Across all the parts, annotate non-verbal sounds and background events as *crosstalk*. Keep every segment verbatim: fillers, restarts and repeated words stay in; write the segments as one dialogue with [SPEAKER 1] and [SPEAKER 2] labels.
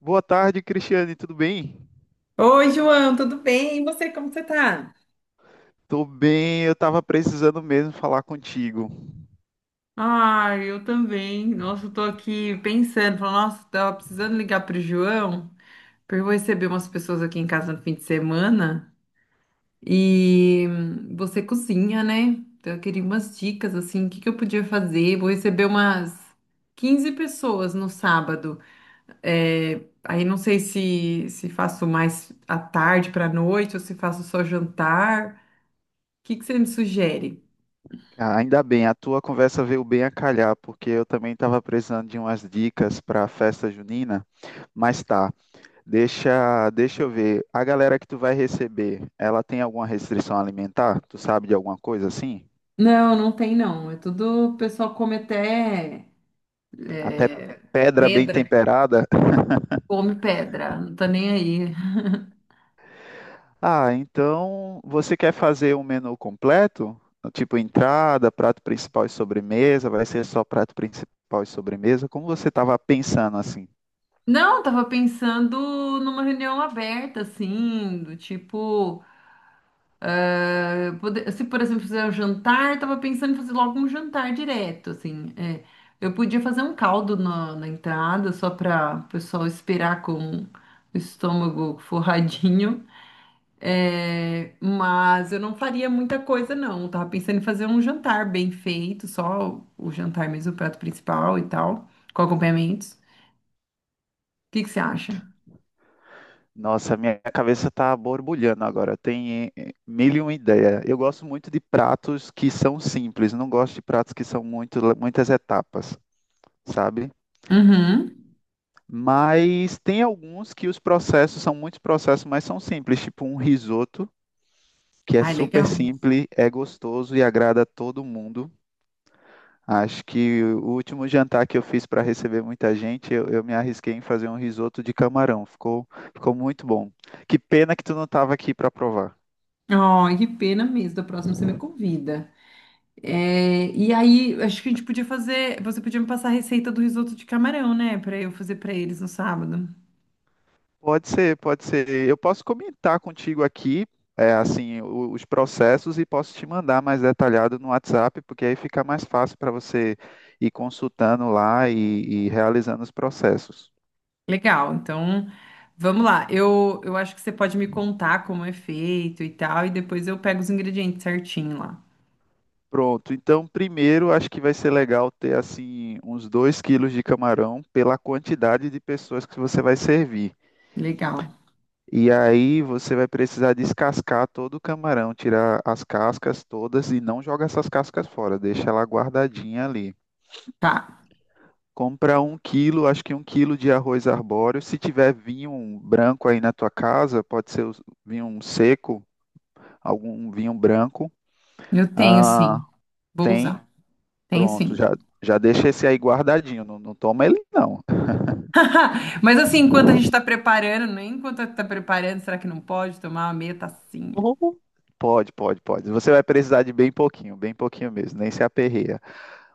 [SPEAKER 1] Boa tarde, Cristiane, tudo bem?
[SPEAKER 2] Oi, João, tudo bem? E você, como você tá?
[SPEAKER 1] Tô bem, eu tava precisando mesmo falar contigo.
[SPEAKER 2] Ah, eu também. Nossa, eu tô aqui pensando, falando, nossa, tava precisando ligar pro João, porque eu vou receber umas pessoas aqui em casa no fim de semana e hum, você cozinha, né? Então eu queria umas dicas assim, o que que eu podia fazer? Vou receber umas quinze pessoas no sábado. É, aí não sei se se faço mais à tarde pra noite ou se faço só jantar. O que que você me sugere?
[SPEAKER 1] Ah, ainda bem, a tua conversa veio bem a calhar, porque eu também tava precisando de umas dicas para a festa junina, mas tá. Deixa, deixa eu ver. A galera que tu vai receber, ela tem alguma restrição alimentar? Tu sabe de alguma coisa assim?
[SPEAKER 2] Não, não tem não. É tudo, o pessoal come até
[SPEAKER 1] Até pedra bem
[SPEAKER 2] pedra.
[SPEAKER 1] temperada?
[SPEAKER 2] Come pedra, não tá nem aí.
[SPEAKER 1] Ah, então você quer fazer um menu completo? Tipo entrada, prato principal e sobremesa? Vai ser só prato principal e sobremesa? Como você estava pensando assim?
[SPEAKER 2] Não, tava pensando numa reunião aberta, assim, do tipo, eh, pode- se por exemplo fizer um jantar, tava pensando em fazer logo um jantar direto, assim. É. Eu podia fazer um caldo na, na entrada, só para o pessoal esperar com o estômago forradinho. É, mas eu não faria muita coisa, não. Eu tava pensando em fazer um jantar bem feito, só o jantar mesmo, o prato principal e tal, com acompanhamentos. O que que você acha?
[SPEAKER 1] Nossa, minha cabeça está borbulhando agora. Tem eh, mil e uma ideia. Eu gosto muito de pratos que são simples. Não gosto de pratos que são muito, muitas etapas, sabe?
[SPEAKER 2] Uhum.
[SPEAKER 1] Mas tem alguns que os processos são muitos processos, mas são simples. Tipo um risoto, que é
[SPEAKER 2] Ai,
[SPEAKER 1] super
[SPEAKER 2] legal.
[SPEAKER 1] simples, é gostoso e agrada a todo mundo. Acho que o último jantar que eu fiz para receber muita gente, eu, eu me arrisquei em fazer um risoto de camarão. Ficou, ficou muito bom. Que pena que tu não estava aqui para provar.
[SPEAKER 2] Ai, que pena mesmo. Da próxima você me convida. É, e aí, acho que a gente podia fazer. Você podia me passar a receita do risoto de camarão, né? Pra eu fazer pra eles no sábado.
[SPEAKER 1] Pode ser, pode ser. Eu posso comentar contigo aqui, é, assim, o- os processos e posso te mandar mais detalhado no WhatsApp, porque aí fica mais fácil para você ir consultando lá e e realizando os processos.
[SPEAKER 2] Legal, então vamos lá. Eu, eu acho que você pode me contar como é feito e tal, e depois eu pego os ingredientes certinho lá.
[SPEAKER 1] Pronto, então primeiro acho que vai ser legal ter assim uns dois quilos de camarão pela quantidade de pessoas que você vai servir.
[SPEAKER 2] Legal.
[SPEAKER 1] E aí você vai precisar descascar todo o camarão, tirar as cascas todas e não joga essas cascas fora, deixa ela guardadinha ali.
[SPEAKER 2] Tá.
[SPEAKER 1] Compra um quilo, acho que um quilo de arroz arbóreo. Se tiver vinho branco aí na tua casa, pode ser o- vinho seco, algum vinho branco.
[SPEAKER 2] Eu tenho
[SPEAKER 1] Ah,
[SPEAKER 2] sim. Vou
[SPEAKER 1] tem.
[SPEAKER 2] usar. Tenho
[SPEAKER 1] Pronto,
[SPEAKER 2] sim.
[SPEAKER 1] já, já deixa esse aí guardadinho. Não, não toma ele, não.
[SPEAKER 2] *laughs* Mas assim, enquanto a gente tá preparando, nem enquanto tá preparando, será que não pode tomar uma meia tacinha?
[SPEAKER 1] Uhum. Pode, pode, pode. Você vai precisar de bem pouquinho, bem pouquinho mesmo, nem se aperreia.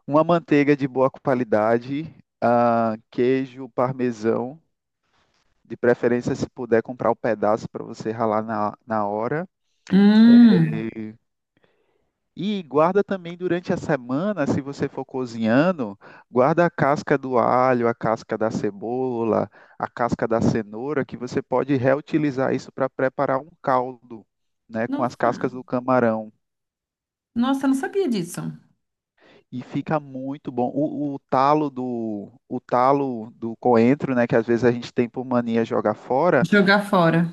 [SPEAKER 1] Uma manteiga de boa qualidade, ah, queijo parmesão, de preferência se puder comprar o pedaço para você ralar na, na hora.
[SPEAKER 2] Hum.
[SPEAKER 1] E guarda também durante a semana, se você for cozinhando, guarda a casca do alho, a casca da cebola, a casca da cenoura, que você pode reutilizar isso para preparar um caldo, né, com as
[SPEAKER 2] Nossa.
[SPEAKER 1] cascas do camarão.
[SPEAKER 2] Nossa, eu não sabia disso.
[SPEAKER 1] E fica muito bom. O, o talo do, o talo do coentro, né, que às vezes a gente tem por mania jogar fora,
[SPEAKER 2] Jogar fora.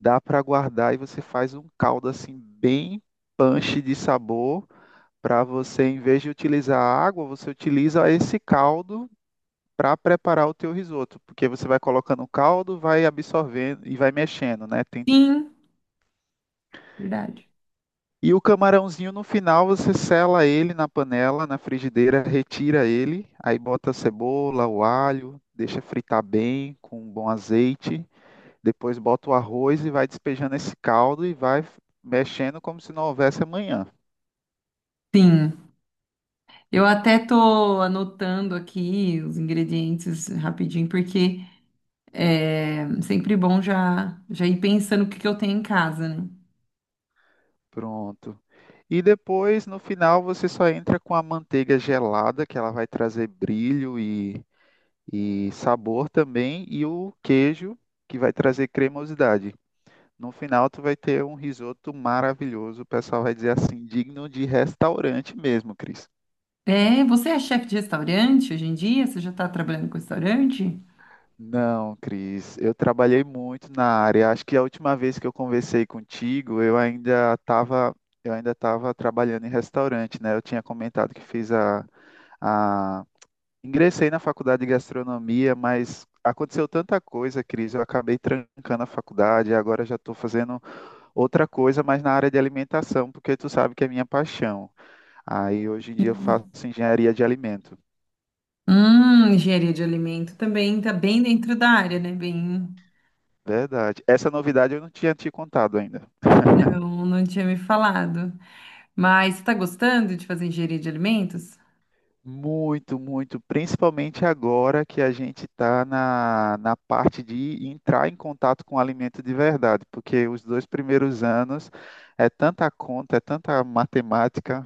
[SPEAKER 1] dá para guardar e você faz um caldo assim bem punch de sabor para você, em vez de utilizar a água, você utiliza esse caldo para preparar o teu risoto, porque você vai colocando o caldo, vai absorvendo e vai mexendo, né? Tem-
[SPEAKER 2] Sim, verdade.
[SPEAKER 1] E o camarãozinho no final você sela ele na panela, na frigideira, retira ele, aí bota a cebola, o alho, deixa fritar bem com um bom azeite, depois bota o arroz e vai despejando esse caldo e vai mexendo como se não houvesse amanhã.
[SPEAKER 2] Sim. Eu até tô anotando aqui os ingredientes rapidinho, porque é sempre bom já, já ir pensando o que que eu tenho em casa, né?
[SPEAKER 1] Pronto. E depois, no final, você só entra com a manteiga gelada, que ela vai trazer brilho e, e sabor também, e o queijo, que vai trazer cremosidade. No final, tu vai ter um risoto maravilhoso. O pessoal vai dizer assim, digno de restaurante mesmo, Cris.
[SPEAKER 2] É, você é chefe de restaurante hoje em dia? Você já está trabalhando com restaurante?
[SPEAKER 1] Não, Cris, eu trabalhei muito na área. Acho que a última vez que eu conversei contigo, eu ainda estava, eu ainda estava trabalhando em restaurante, né? Eu tinha comentado que fiz a a ingressei na faculdade de gastronomia, mas aconteceu tanta coisa, Cris. Eu acabei trancando a faculdade e agora já estou fazendo outra coisa, mas na área de alimentação, porque tu sabe que é minha paixão. Aí hoje em dia eu
[SPEAKER 2] Sim.
[SPEAKER 1] faço engenharia de alimento.
[SPEAKER 2] Hum, engenharia de alimento também está bem dentro da área, né? Bem,
[SPEAKER 1] Verdade. Essa novidade eu não tinha te contado ainda.
[SPEAKER 2] não, não tinha me falado. Mas você está gostando de fazer engenharia de alimentos?
[SPEAKER 1] Muito, muito, principalmente agora que a gente está na, na parte de entrar em contato com o alimento de verdade, porque os dois primeiros anos é tanta conta, é tanta matemática.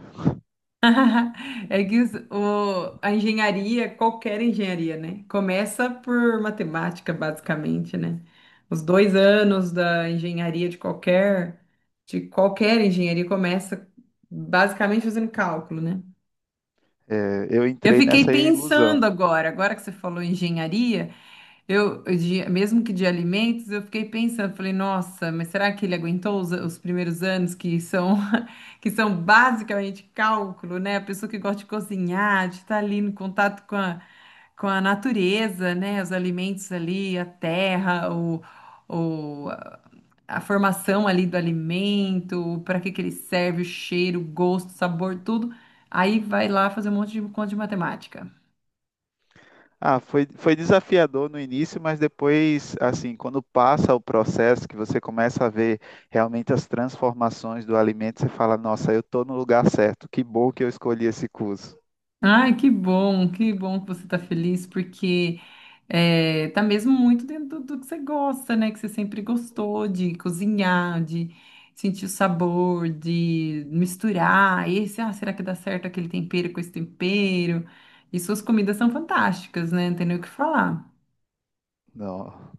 [SPEAKER 2] *laughs* É que os- o, a engenharia, qualquer engenharia, né? Começa por matemática, basicamente, né? Os dois anos da engenharia de qualquer, de qualquer engenharia começa basicamente fazendo cálculo, né?
[SPEAKER 1] É, eu
[SPEAKER 2] Eu
[SPEAKER 1] entrei
[SPEAKER 2] fiquei
[SPEAKER 1] nessa
[SPEAKER 2] pensando
[SPEAKER 1] ilusão.
[SPEAKER 2] agora, agora que você falou em engenharia, eu de- mesmo que de alimentos, eu fiquei pensando, falei, nossa, mas será que ele aguentou os, os primeiros anos que são *laughs* que são basicamente cálculo, né? A pessoa que gosta de cozinhar, de estar ali no contato com a, com a natureza, né? Os alimentos ali, a terra, o, o, a a formação ali do alimento, para que que ele serve, o cheiro, o gosto, o sabor, tudo. Aí vai lá fazer um monte de conta de matemática.
[SPEAKER 1] Ah, foi, foi desafiador no início, mas depois, assim, quando passa o processo, que você começa a ver realmente as transformações do alimento, você fala, nossa, eu estou no lugar certo, que bom que eu escolhi esse curso.
[SPEAKER 2] Ai, que bom, que bom que você tá feliz, porque eh, tá mesmo muito dentro do, do que você gosta, né? Que você sempre gostou de cozinhar, de sentir o sabor, de misturar. Esse, ah, será que dá certo aquele tempero com esse tempero? E suas comidas são fantásticas, né? Não tem nem o que falar.
[SPEAKER 1] Não,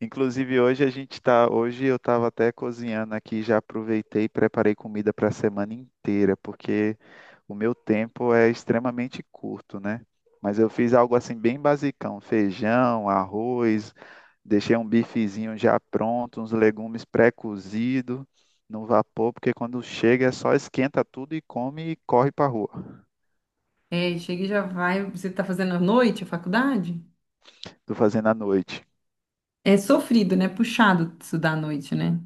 [SPEAKER 1] inclusive hoje a gente tá, hoje eu estava até cozinhando aqui, já aproveitei e preparei comida para a semana inteira, porque o meu tempo é extremamente curto, né? Mas eu fiz algo assim bem basicão, feijão, arroz, deixei um bifezinho já pronto, uns legumes pré-cozidos no vapor, porque quando chega é só esquenta tudo e come e corre para rua.
[SPEAKER 2] É, chega e já vai. Você tá fazendo à noite a faculdade?
[SPEAKER 1] Tô fazendo à noite.
[SPEAKER 2] É sofrido, né? Puxado estudar à noite, né?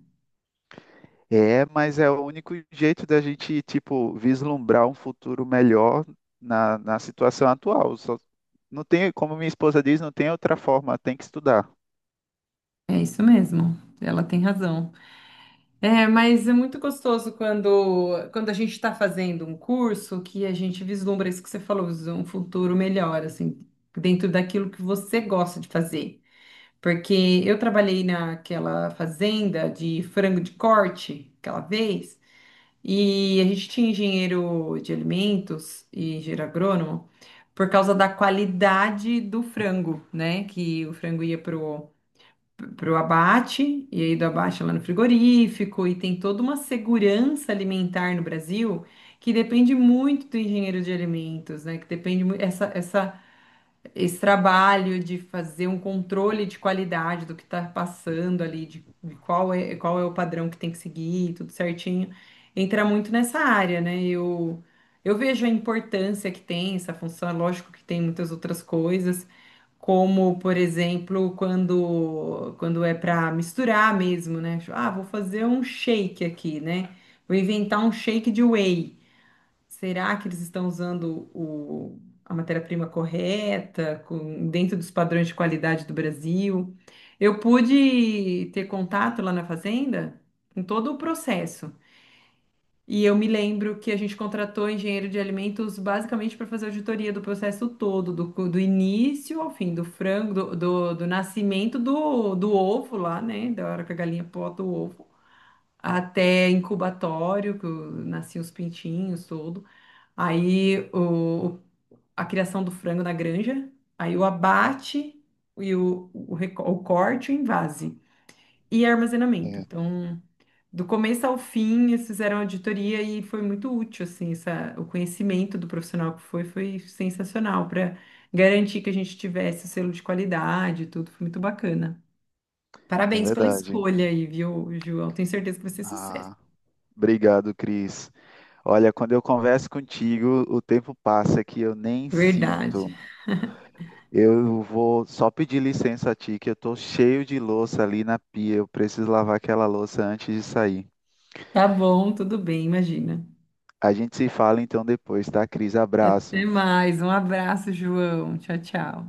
[SPEAKER 1] É, mas é o único jeito da gente, tipo, vislumbrar um futuro melhor na, na situação atual. Só- não tem, como minha esposa diz, não tem outra forma, tem que estudar.
[SPEAKER 2] É isso mesmo. Ela tem razão. É, mas é muito gostoso quando, quando a gente está fazendo um curso que a gente vislumbra isso que você falou, visu- um futuro melhor, assim, dentro daquilo que você gosta de fazer. Porque eu trabalhei naquela fazenda de frango de corte aquela vez, e a gente tinha engenheiro de alimentos e engenheiro agrônomo por causa da qualidade do frango, né? Que o frango ia para o abate, e aí do abate é lá no frigorífico, e tem toda uma segurança alimentar no Brasil que depende muito do engenheiro de alimentos, né? Que depende muito essa, essa, esse trabalho de fazer um controle de qualidade do que está passando ali, de, de qual é, qual é o padrão que tem que seguir, tudo certinho, entra muito nessa área, né? Eu, eu vejo a importância que tem essa função, é lógico que tem muitas outras coisas. Como, por exemplo, quando, quando é para misturar mesmo, né? Tipo, ah, vou fazer um shake aqui, né? Vou inventar um shake de whey. Será que eles estão usando o, a matéria-prima correta, com- dentro dos padrões de qualidade do Brasil? Eu pude ter contato lá na fazenda com todo o processo. E eu me lembro que a gente contratou engenheiro de alimentos basicamente para fazer auditoria do processo todo, do, cu- do início ao fim, do frango, do, do, do nascimento do, do ovo lá, né? Da hora que a galinha bota o ovo, até incubatório, que o- nasciam os pintinhos, tudo. Aí o, o- a criação do frango na granja, aí o abate e o, o, reco- o corte, o envase e armazenamento.
[SPEAKER 1] É,
[SPEAKER 2] Então do começo ao fim, eles fizeram auditoria e foi muito útil, assim, essa, o conhecimento do profissional que foi, foi sensacional para garantir que a gente tivesse o selo de qualidade e tudo, foi muito bacana.
[SPEAKER 1] é
[SPEAKER 2] Parabéns pela
[SPEAKER 1] verdade.
[SPEAKER 2] escolha aí, viu, João? Tenho certeza que vai ser sucesso.
[SPEAKER 1] Ah, obrigado, Cris. Olha, quando eu converso contigo, o tempo passa que eu nem
[SPEAKER 2] Verdade.
[SPEAKER 1] sinto. Eu vou só pedir licença a ti, que eu tô cheio de louça ali na pia. Eu preciso lavar aquela louça antes de sair.
[SPEAKER 2] Tá bom, tudo bem, imagina.
[SPEAKER 1] A gente se fala então depois, tá, Cris?
[SPEAKER 2] Até
[SPEAKER 1] Abraço.
[SPEAKER 2] mais, um abraço, João. Tchau, tchau.